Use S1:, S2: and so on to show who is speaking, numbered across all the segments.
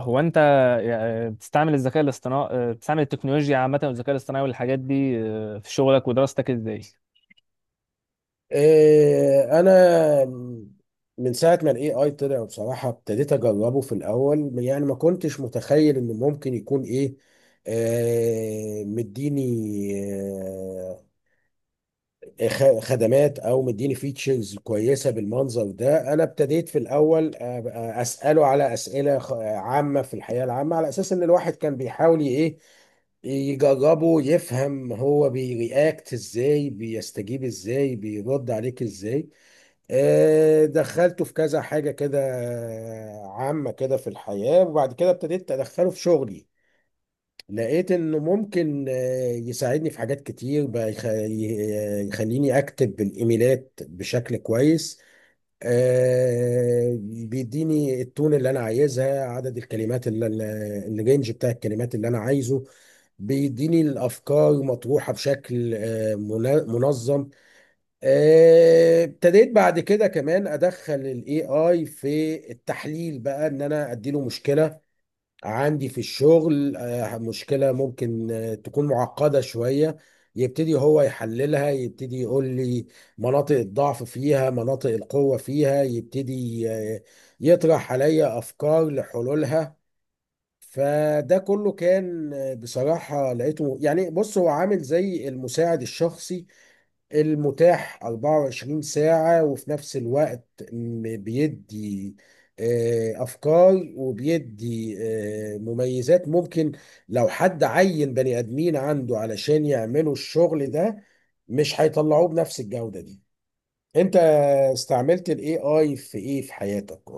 S1: هو انت يعني بتستعمل الذكاء الاصطناعي بتستعمل التكنولوجيا عامة والذكاء الاصطناعي والحاجات دي في شغلك ودراستك ازاي؟
S2: انا من ساعه ما الاي اي طلع بصراحه ابتديت اجربه في الاول. يعني ما كنتش متخيل انه ممكن يكون ايه آه مديني آه خدمات او مديني فيتشرز كويسه بالمنظر ده. انا ابتديت في الاول أبقى اساله على اسئله عامه في الحياه العامه، على اساس ان الواحد كان بيحاول يجربه، يفهم هو بيرياكت ازاي، بيستجيب ازاي، بيرد عليك ازاي. دخلته في كذا حاجة كده، عامة كده في الحياة، وبعد كده ابتديت أدخله في شغلي. لقيت إنه ممكن يساعدني في حاجات كتير بقى، يخليني أكتب الإيميلات بشكل كويس. بيديني التون اللي أنا عايزها، عدد الكلمات الرينج بتاع الكلمات اللي أنا عايزه. بيديني الأفكار مطروحة بشكل منظم. ابتديت بعد كده كمان ادخل الاي اي في التحليل بقى، ان انا اديله مشكله عندي في الشغل، مشكله ممكن تكون معقده شويه. يبتدي هو يحللها، يبتدي يقول لي مناطق الضعف فيها، مناطق القوه فيها، يبتدي يطرح عليا افكار لحلولها. فده كله كان بصراحه لقيته يعني، بص هو عامل زي المساعد الشخصي المتاح 24 ساعة، وفي نفس الوقت بيدي أفكار، وبيدي مميزات. ممكن لو حد عين بني آدمين عنده علشان يعملوا الشغل ده، مش هيطلعوه بنفس الجودة دي. أنت استعملت ال AI في إيه في حياتك؟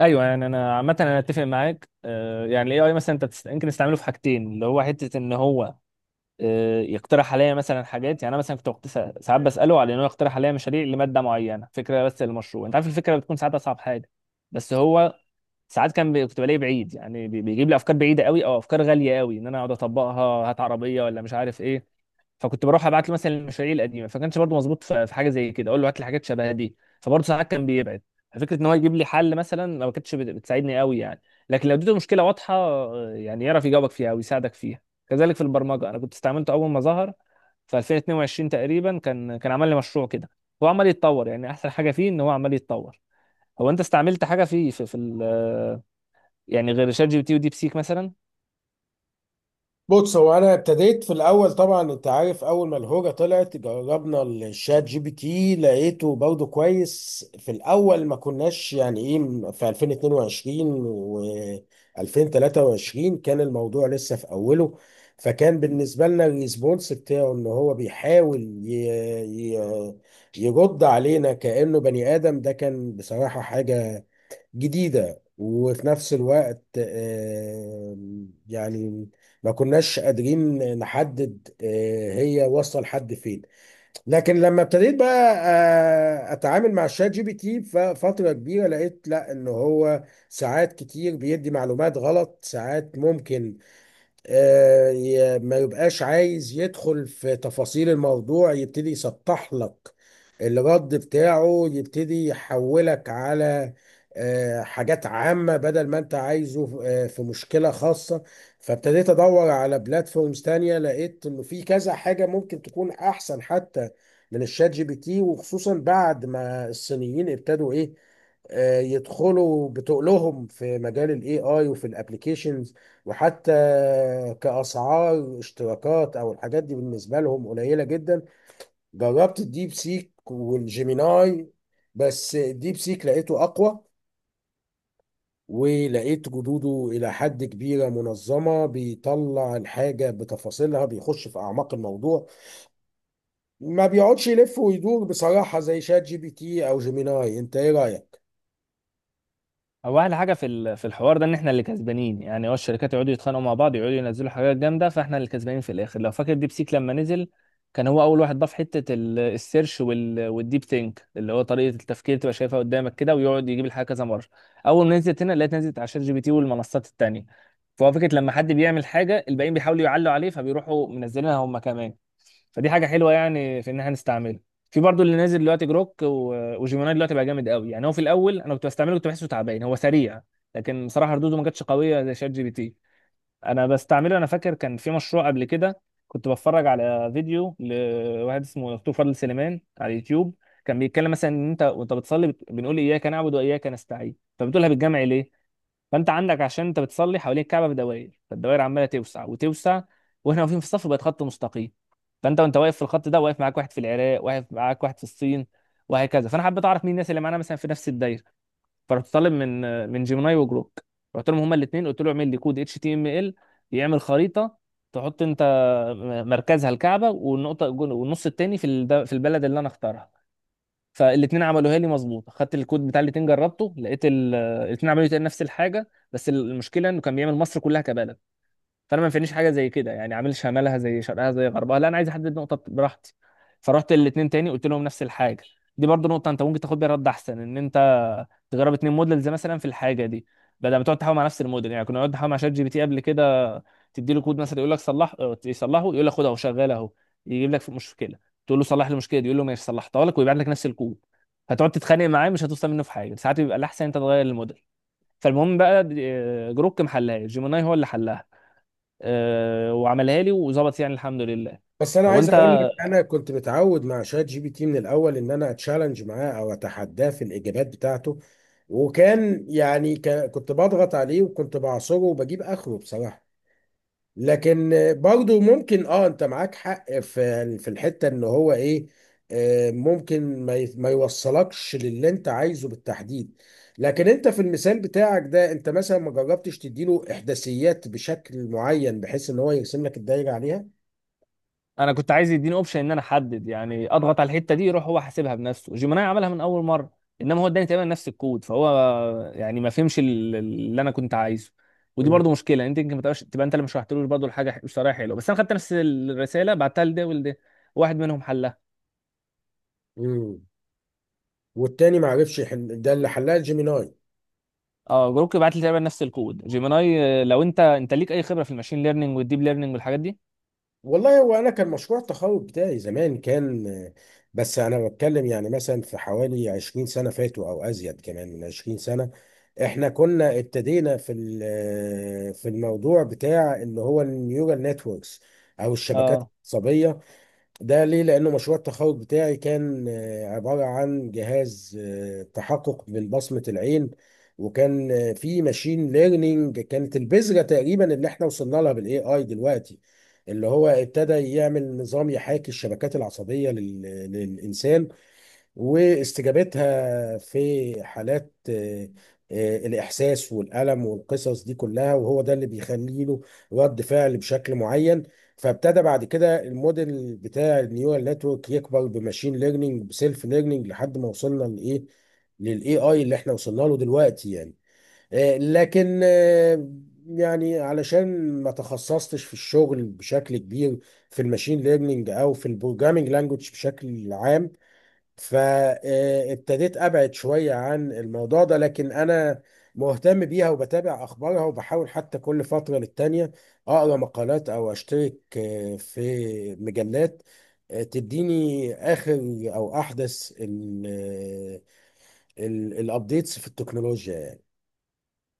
S1: ايوه يعني انا عامة انا اتفق معاك، يعني الاي اي مثلا انت يمكن تستعمله في حاجتين اللي هو حتة ان هو يقترح عليا مثلا حاجات. يعني انا مثلا كنت ساعات بسأله على انه يقترح عليا مشاريع لمادة معينة، فكرة بس للمشروع. انت عارف الفكرة بتكون ساعات اصعب حاجة، بس هو ساعات كان كنت بلاقيه بعيد، يعني بيجيب لي افكار بعيدة قوي او افكار غالية قوي ان انا اقعد اطبقها، هات عربية ولا مش عارف ايه. فكنت بروح ابعت له مثلا المشاريع القديمه، فكانش برضه مظبوط في حاجه زي كده، اقول له هات لي حاجات شبه دي، فبرضه ساعات كان بيبعد. ففكره ان هو يجيب لي حل مثلا لو ما كانتش بتساعدني قوي يعني. لكن لو اديته مشكله واضحه، يعني يعرف يجاوبك فيها او يساعدك فيها. كذلك في البرمجه انا كنت استعملته اول ما ظهر في 2022 تقريبا، كان كان عمل لي مشروع كده. هو عمال يتطور، يعني احسن حاجه فيه ان هو عمال يتطور. هو انت استعملت حاجه فيه يعني غير شات جي بي تي وديب سيك مثلا؟
S2: بص هو انا ابتديت في الاول، طبعا انت عارف، اول ما الهوجه طلعت جربنا الشات جي بي تي، لقيته برضه كويس في الاول. ما كناش يعني ايه في 2022 و 2023 كان الموضوع لسه في اوله. فكان بالنسبه لنا الريسبونس بتاعه ان هو بيحاول ي... يرد علينا كانه بني ادم. ده كان بصراحه حاجه جديدة، وفي نفس الوقت يعني ما كناش قادرين نحدد هي واصلة لحد فين. لكن لما ابتديت بقى اتعامل مع الشات جي بي تي فترة كبيرة، لقيت لا، ان هو ساعات كتير بيدي معلومات غلط، ساعات ممكن ما يبقاش عايز يدخل في تفاصيل الموضوع، يبتدي يسطح لك الرد بتاعه، يبتدي يحولك على حاجات عامة بدل ما انت عايزه في مشكلة خاصة. فابتديت ادور على بلاتفورمز تانية، لقيت انه في كذا حاجة ممكن تكون احسن حتى من الشات جي بي تي، وخصوصا بعد ما الصينيين ابتدوا ايه آه، يدخلوا بتقلهم في مجال الاي اي وفي الابليكيشنز، وحتى كاسعار اشتراكات او الحاجات دي بالنسبه لهم قليله جدا. جربت الديب سيك والجيميناي، بس الديب سيك لقيته اقوى، ولقيت جدوده الى حد كبيره منظمه، بيطلع الحاجه بتفاصيلها، بيخش في اعماق الموضوع، ما بيقعدش يلف ويدور بصراحه زي شات جي بي تي او جيميناي. انت ايه رايك؟
S1: هو احلى حاجه في في الحوار ده ان احنا اللي كسبانين، يعني هو الشركات يقعدوا يتخانقوا مع بعض، يقعدوا ينزلوا حاجات جامده، فاحنا اللي كسبانين في الاخر. لو فاكر ديب سيك لما نزل كان هو اول واحد ضاف حته السيرش والديب ثينك، اللي هو طريقه التفكير تبقى شايفها قدامك كده ويقعد يجيب الحاجه كذا مره. اول ما نزلت هنا لقيت نزلت على شات جي بي تي والمنصات التانيه. فهو فكره لما حد بيعمل حاجه الباقيين بيحاولوا يعلوا عليه، فبيروحوا منزلينها هم كمان. فدي حاجه حلوه يعني في ان احنا نستعمله. في برضو اللي نازل دلوقتي جروك وجيميناي دلوقتي بقى جامد قوي، يعني هو في الاول انا كنت بستعمله كنت بحسه تعبان، هو سريع لكن بصراحه ردوده ما كانتش قويه زي شات جي بي تي. انا بستعمله، انا فاكر كان في مشروع قبل كده كنت بتفرج على فيديو لواحد اسمه دكتور فضل سليمان على اليوتيوب. كان بيتكلم مثلا ان انت وانت بتصلي بنقول اياك نعبد واياك نستعين، فبتقولها بالجمع ليه؟ فانت عندك عشان انت بتصلي حوالين الكعبه بدوائر، فالدوائر عماله توسع وتوسع، واحنا واقفين في الصف بقت خط مستقيم. فانت وانت واقف في الخط ده واقف معاك واحد في العراق، واقف معاك واحد في الصين، وهكذا. فانا حبيت اعرف مين الناس اللي معانا مثلا في نفس الدايره. فرحت طالب من جيميناي وجروك. رحت لهم هما الاثنين قلت له اعمل لي كود اتش تي ام ال يعمل خريطه، تحط انت مركزها الكعبه، والنقطه والنص التاني في في البلد اللي انا اختارها. فالاثنين عملوها لي مظبوطه. خدت الكود بتاع الاثنين جربته، لقيت الاثنين عملوا تقريباً نفس الحاجه، بس المشكله انه كان بيعمل مصر كلها كبلد. فانا ما ينفعنيش حاجه زي كده، يعني عامل شمالها زي شرقها زي غربها، لا انا عايز احدد نقطه براحتي. فرحت الاثنين تاني قلت لهم نفس الحاجه. دي برضو نقطه انت ممكن تاخد بيها رد احسن، ان انت تجرب اتنين موديلز مثلا في الحاجه دي بدل ما تقعد تحاول مع نفس الموديل. يعني كنا نقعد نحاول مع شات جي بي تي قبل كده، تدي له كود مثلا يقول لك صلح، اه يصلحه يقول لك خد اهو شغال اهو، يجيب لك في مشكله تقول له صلح لي المشكله دي، يقول له ماشي صلحتها لك ويبعت لك نفس الكود. هتقعد تتخانق معاه مش هتوصل منه في حاجه. ساعات بيبقى الاحسن انت تغير الموديل. فالمهم بقى، اه، جروك محلها، جيميناي هو اللي حلها، اه، وعملها لي وظبط يعني الحمد لله.
S2: بس انا
S1: هو
S2: عايز
S1: انت
S2: اقول لك، انا كنت متعود مع شات جي بي تي من الاول ان انا اتشالنج معاه او اتحداه في الاجابات بتاعته، وكان يعني كنت بضغط عليه وكنت بعصره وبجيب اخره بصراحه. لكن برضو ممكن اه، انت معاك حق في الحته ان هو ايه آه، ممكن ما يوصلكش للي انت عايزه بالتحديد. لكن انت في المثال بتاعك ده، انت مثلا ما جربتش تديله احداثيات بشكل معين بحيث ان هو يرسم لك الدايره عليها؟
S1: انا كنت عايز يديني اوبشن ان انا احدد، يعني اضغط على الحته دي يروح هو حاسبها بنفسه. جيميناي عملها من اول مره، انما هو اداني تقريبا نفس الكود، فهو يعني ما فهمش اللي انا كنت عايزه. ودي برضو مشكله، انت يمكن ما تبقاش تبقى انت اللي مش شرحتلوش برضو الحاجه، مش شرحها حلو، بس انا خدت نفس الرساله بعتها لده ولده، واحد منهم حلها.
S2: مم. والتاني ما عرفش يحل، ده اللي حلها جيميناي.
S1: اه، جروك بعت لي تقريبا نفس الكود، جيميناي، لو انت انت ليك اي خبره في الماشين ليرنينج والديب ليرنينج والحاجات دي؟
S2: والله هو انا كان مشروع التخرج بتاعي زمان كان، بس انا بتكلم يعني مثلا في حوالي 20 سنه فاتوا او ازيد كمان من 20 سنه. احنا كنا ابتدينا في في الموضوع بتاع اللي هو النيورال نتوركس او الشبكات
S1: اه،
S2: العصبيه. ده ليه؟ لأنه مشروع التخرج بتاعي كان عبارة عن جهاز تحقق من بصمة العين، وكان في ماشين ليرنينج. كانت البذرة تقريبا اللي احنا وصلنا لها بالاي اي دلوقتي، اللي هو ابتدى يعمل نظام يحاكي الشبكات العصبية للإنسان واستجابتها في حالات الإحساس والألم والقصص دي كلها. وهو ده اللي بيخلي له رد فعل بشكل معين. فابتدى بعد كده الموديل بتاع النيورال نتورك يكبر بماشين ليرنينج بسيلف ليرنينج لحد ما وصلنا للاي اي اللي احنا وصلنا له دلوقتي يعني. لكن يعني علشان ما تخصصتش في الشغل بشكل كبير في الماشين ليرنينج او في البروجرامينج لانجوج بشكل عام، فابتديت ابعد شويه عن الموضوع ده. لكن انا مهتم بيها، وبتابع اخبارها، وبحاول حتى كل فتره للتانيه اقرا مقالات او اشترك في مجلات تديني اخر او احدث الابديتس في التكنولوجيا يعني.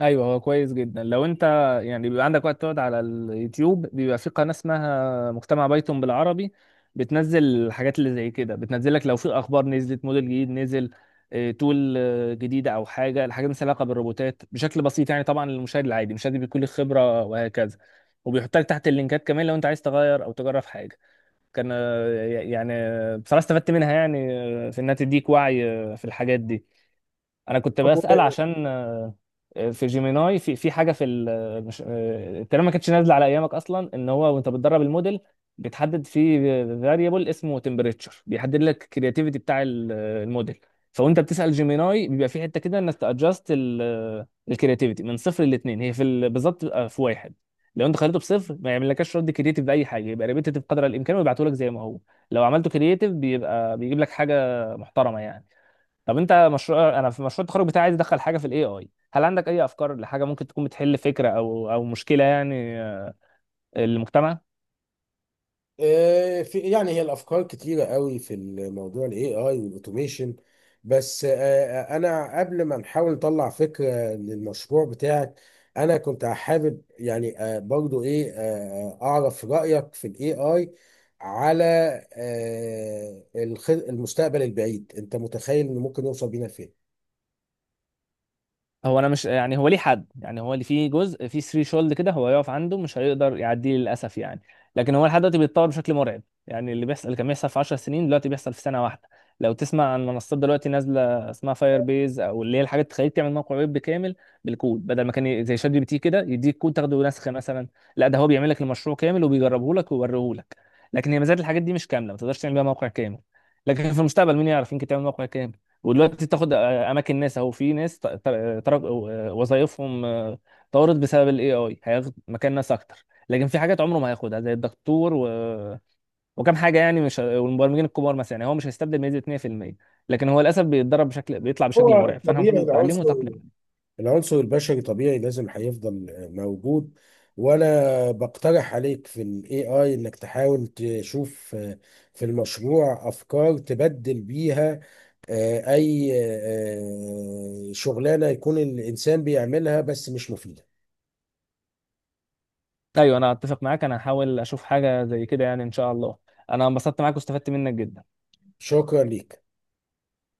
S1: ايوه هو كويس جدا لو انت يعني بيبقى عندك وقت تقعد على اليوتيوب، بيبقى في قناه اسمها مجتمع بايثون بالعربي، بتنزل الحاجات اللي زي كده، بتنزل لك لو في اخبار، نزلت موديل جديد، نزل تول جديده، او حاجه الحاجات مثلا علاقه بالروبوتات بشكل بسيط. يعني طبعا للمشاهد العادي مش لازم يكون له خبره وهكذا، وبيحط لك تحت اللينكات كمان لو انت عايز تغير او تجرب حاجه. كان، بصراحه استفدت منها يعني، في انها تديك وعي في الحاجات دي. انا كنت بسأل عشان، في جيميناي في حاجه في ال- آه، مش آه، التقريبا ما كانتش نازله على ايامك اصلا، ان هو وانت بتدرب الموديل بتحدد في فاريبل اسمه تمبريتشر، بيحدد لك الكرياتيفيتي بتاع الموديل. فوانت بتسأل جيميناي بيبقى في حته كده انك تادجست الكرياتيفيتي من صفر لاتنين، هي في بالظبط بتبقى في واحد. لو انت خليته بصفر ما يعملكش رد كرياتيف باي حاجه، يبقى ريبيتيف قدر الامكان ويبعته لك زي ما هو. لو عملته كرياتيف بيبقى بيجيب لك حاجه محترمه يعني. طب انت مشروع، انا في مشروع التخرج بتاعي عايز ادخل حاجه في الاي اي، هل عندك اي افكار لحاجه ممكن تكون بتحل فكره او مشكله يعني، المجتمع؟
S2: في يعني هي الافكار كتيره قوي في الموضوع الاي اي والاوتوميشن. بس انا قبل ما نحاول نطلع فكره للمشروع بتاعك، انا كنت حابب يعني برضو ايه آه، آه، اعرف رايك في الاي اي على المستقبل البعيد. انت متخيل انه ممكن يوصل بينا فين؟
S1: هو انا مش يعني هو ليه حد، يعني هو اللي فيه جزء فيه ثري شولد كده هو يقف عنده مش هيقدر يعديه للاسف يعني. لكن هو لحد دلوقتي بيتطور بشكل مرعب، يعني اللي بيحصل، اللي كان بيحصل في 10 سنين دلوقتي بيحصل في سنه واحده. لو تسمع عن منصات دلوقتي نازله اسمها فاير بيز، او اللي هي الحاجات اللي تخليك تعمل موقع ويب كامل بالكود، بدل ما كان زي شات جي بي تي كده يديك كود تاخده نسخه مثلا، لا ده هو بيعمل لك المشروع كامل وبيجربه لك ويوريه لك. لكن هي مزايا الحاجات دي مش كامله، ما تقدرش تعمل بيها موقع كامل. لكن في المستقبل مين يعرف، يمكن تعمل موقع كامل. ودلوقتي تاخد اماكن ناس اهو، في ناس ترك وظائفهم طارت بسبب الاي اي. هياخد مكان ناس اكتر، لكن في حاجات عمره ما هياخدها زي الدكتور و... وكم حاجه، يعني مش، والمبرمجين الكبار مثلا، يعني هو مش هيستبدل بنسبه 100%. لكن هو للاسف بيتدرب بشكل، بيطلع بشكل
S2: هو
S1: مرعب، فاحنا
S2: طبيعي
S1: المفروض نتعلمه وتقلم عليه.
S2: العنصر البشري طبيعي لازم هيفضل موجود. وانا بقترح عليك في الاي اي انك تحاول تشوف في المشروع افكار تبدل بيها اي شغلانة يكون الانسان بيعملها بس مش مفيدة.
S1: ايوه انا اتفق معاك، انا هحاول اشوف حاجه زي كده يعني ان شاء الله. انا انبسطت معاك واستفدت منك جدا.
S2: شكرا ليك.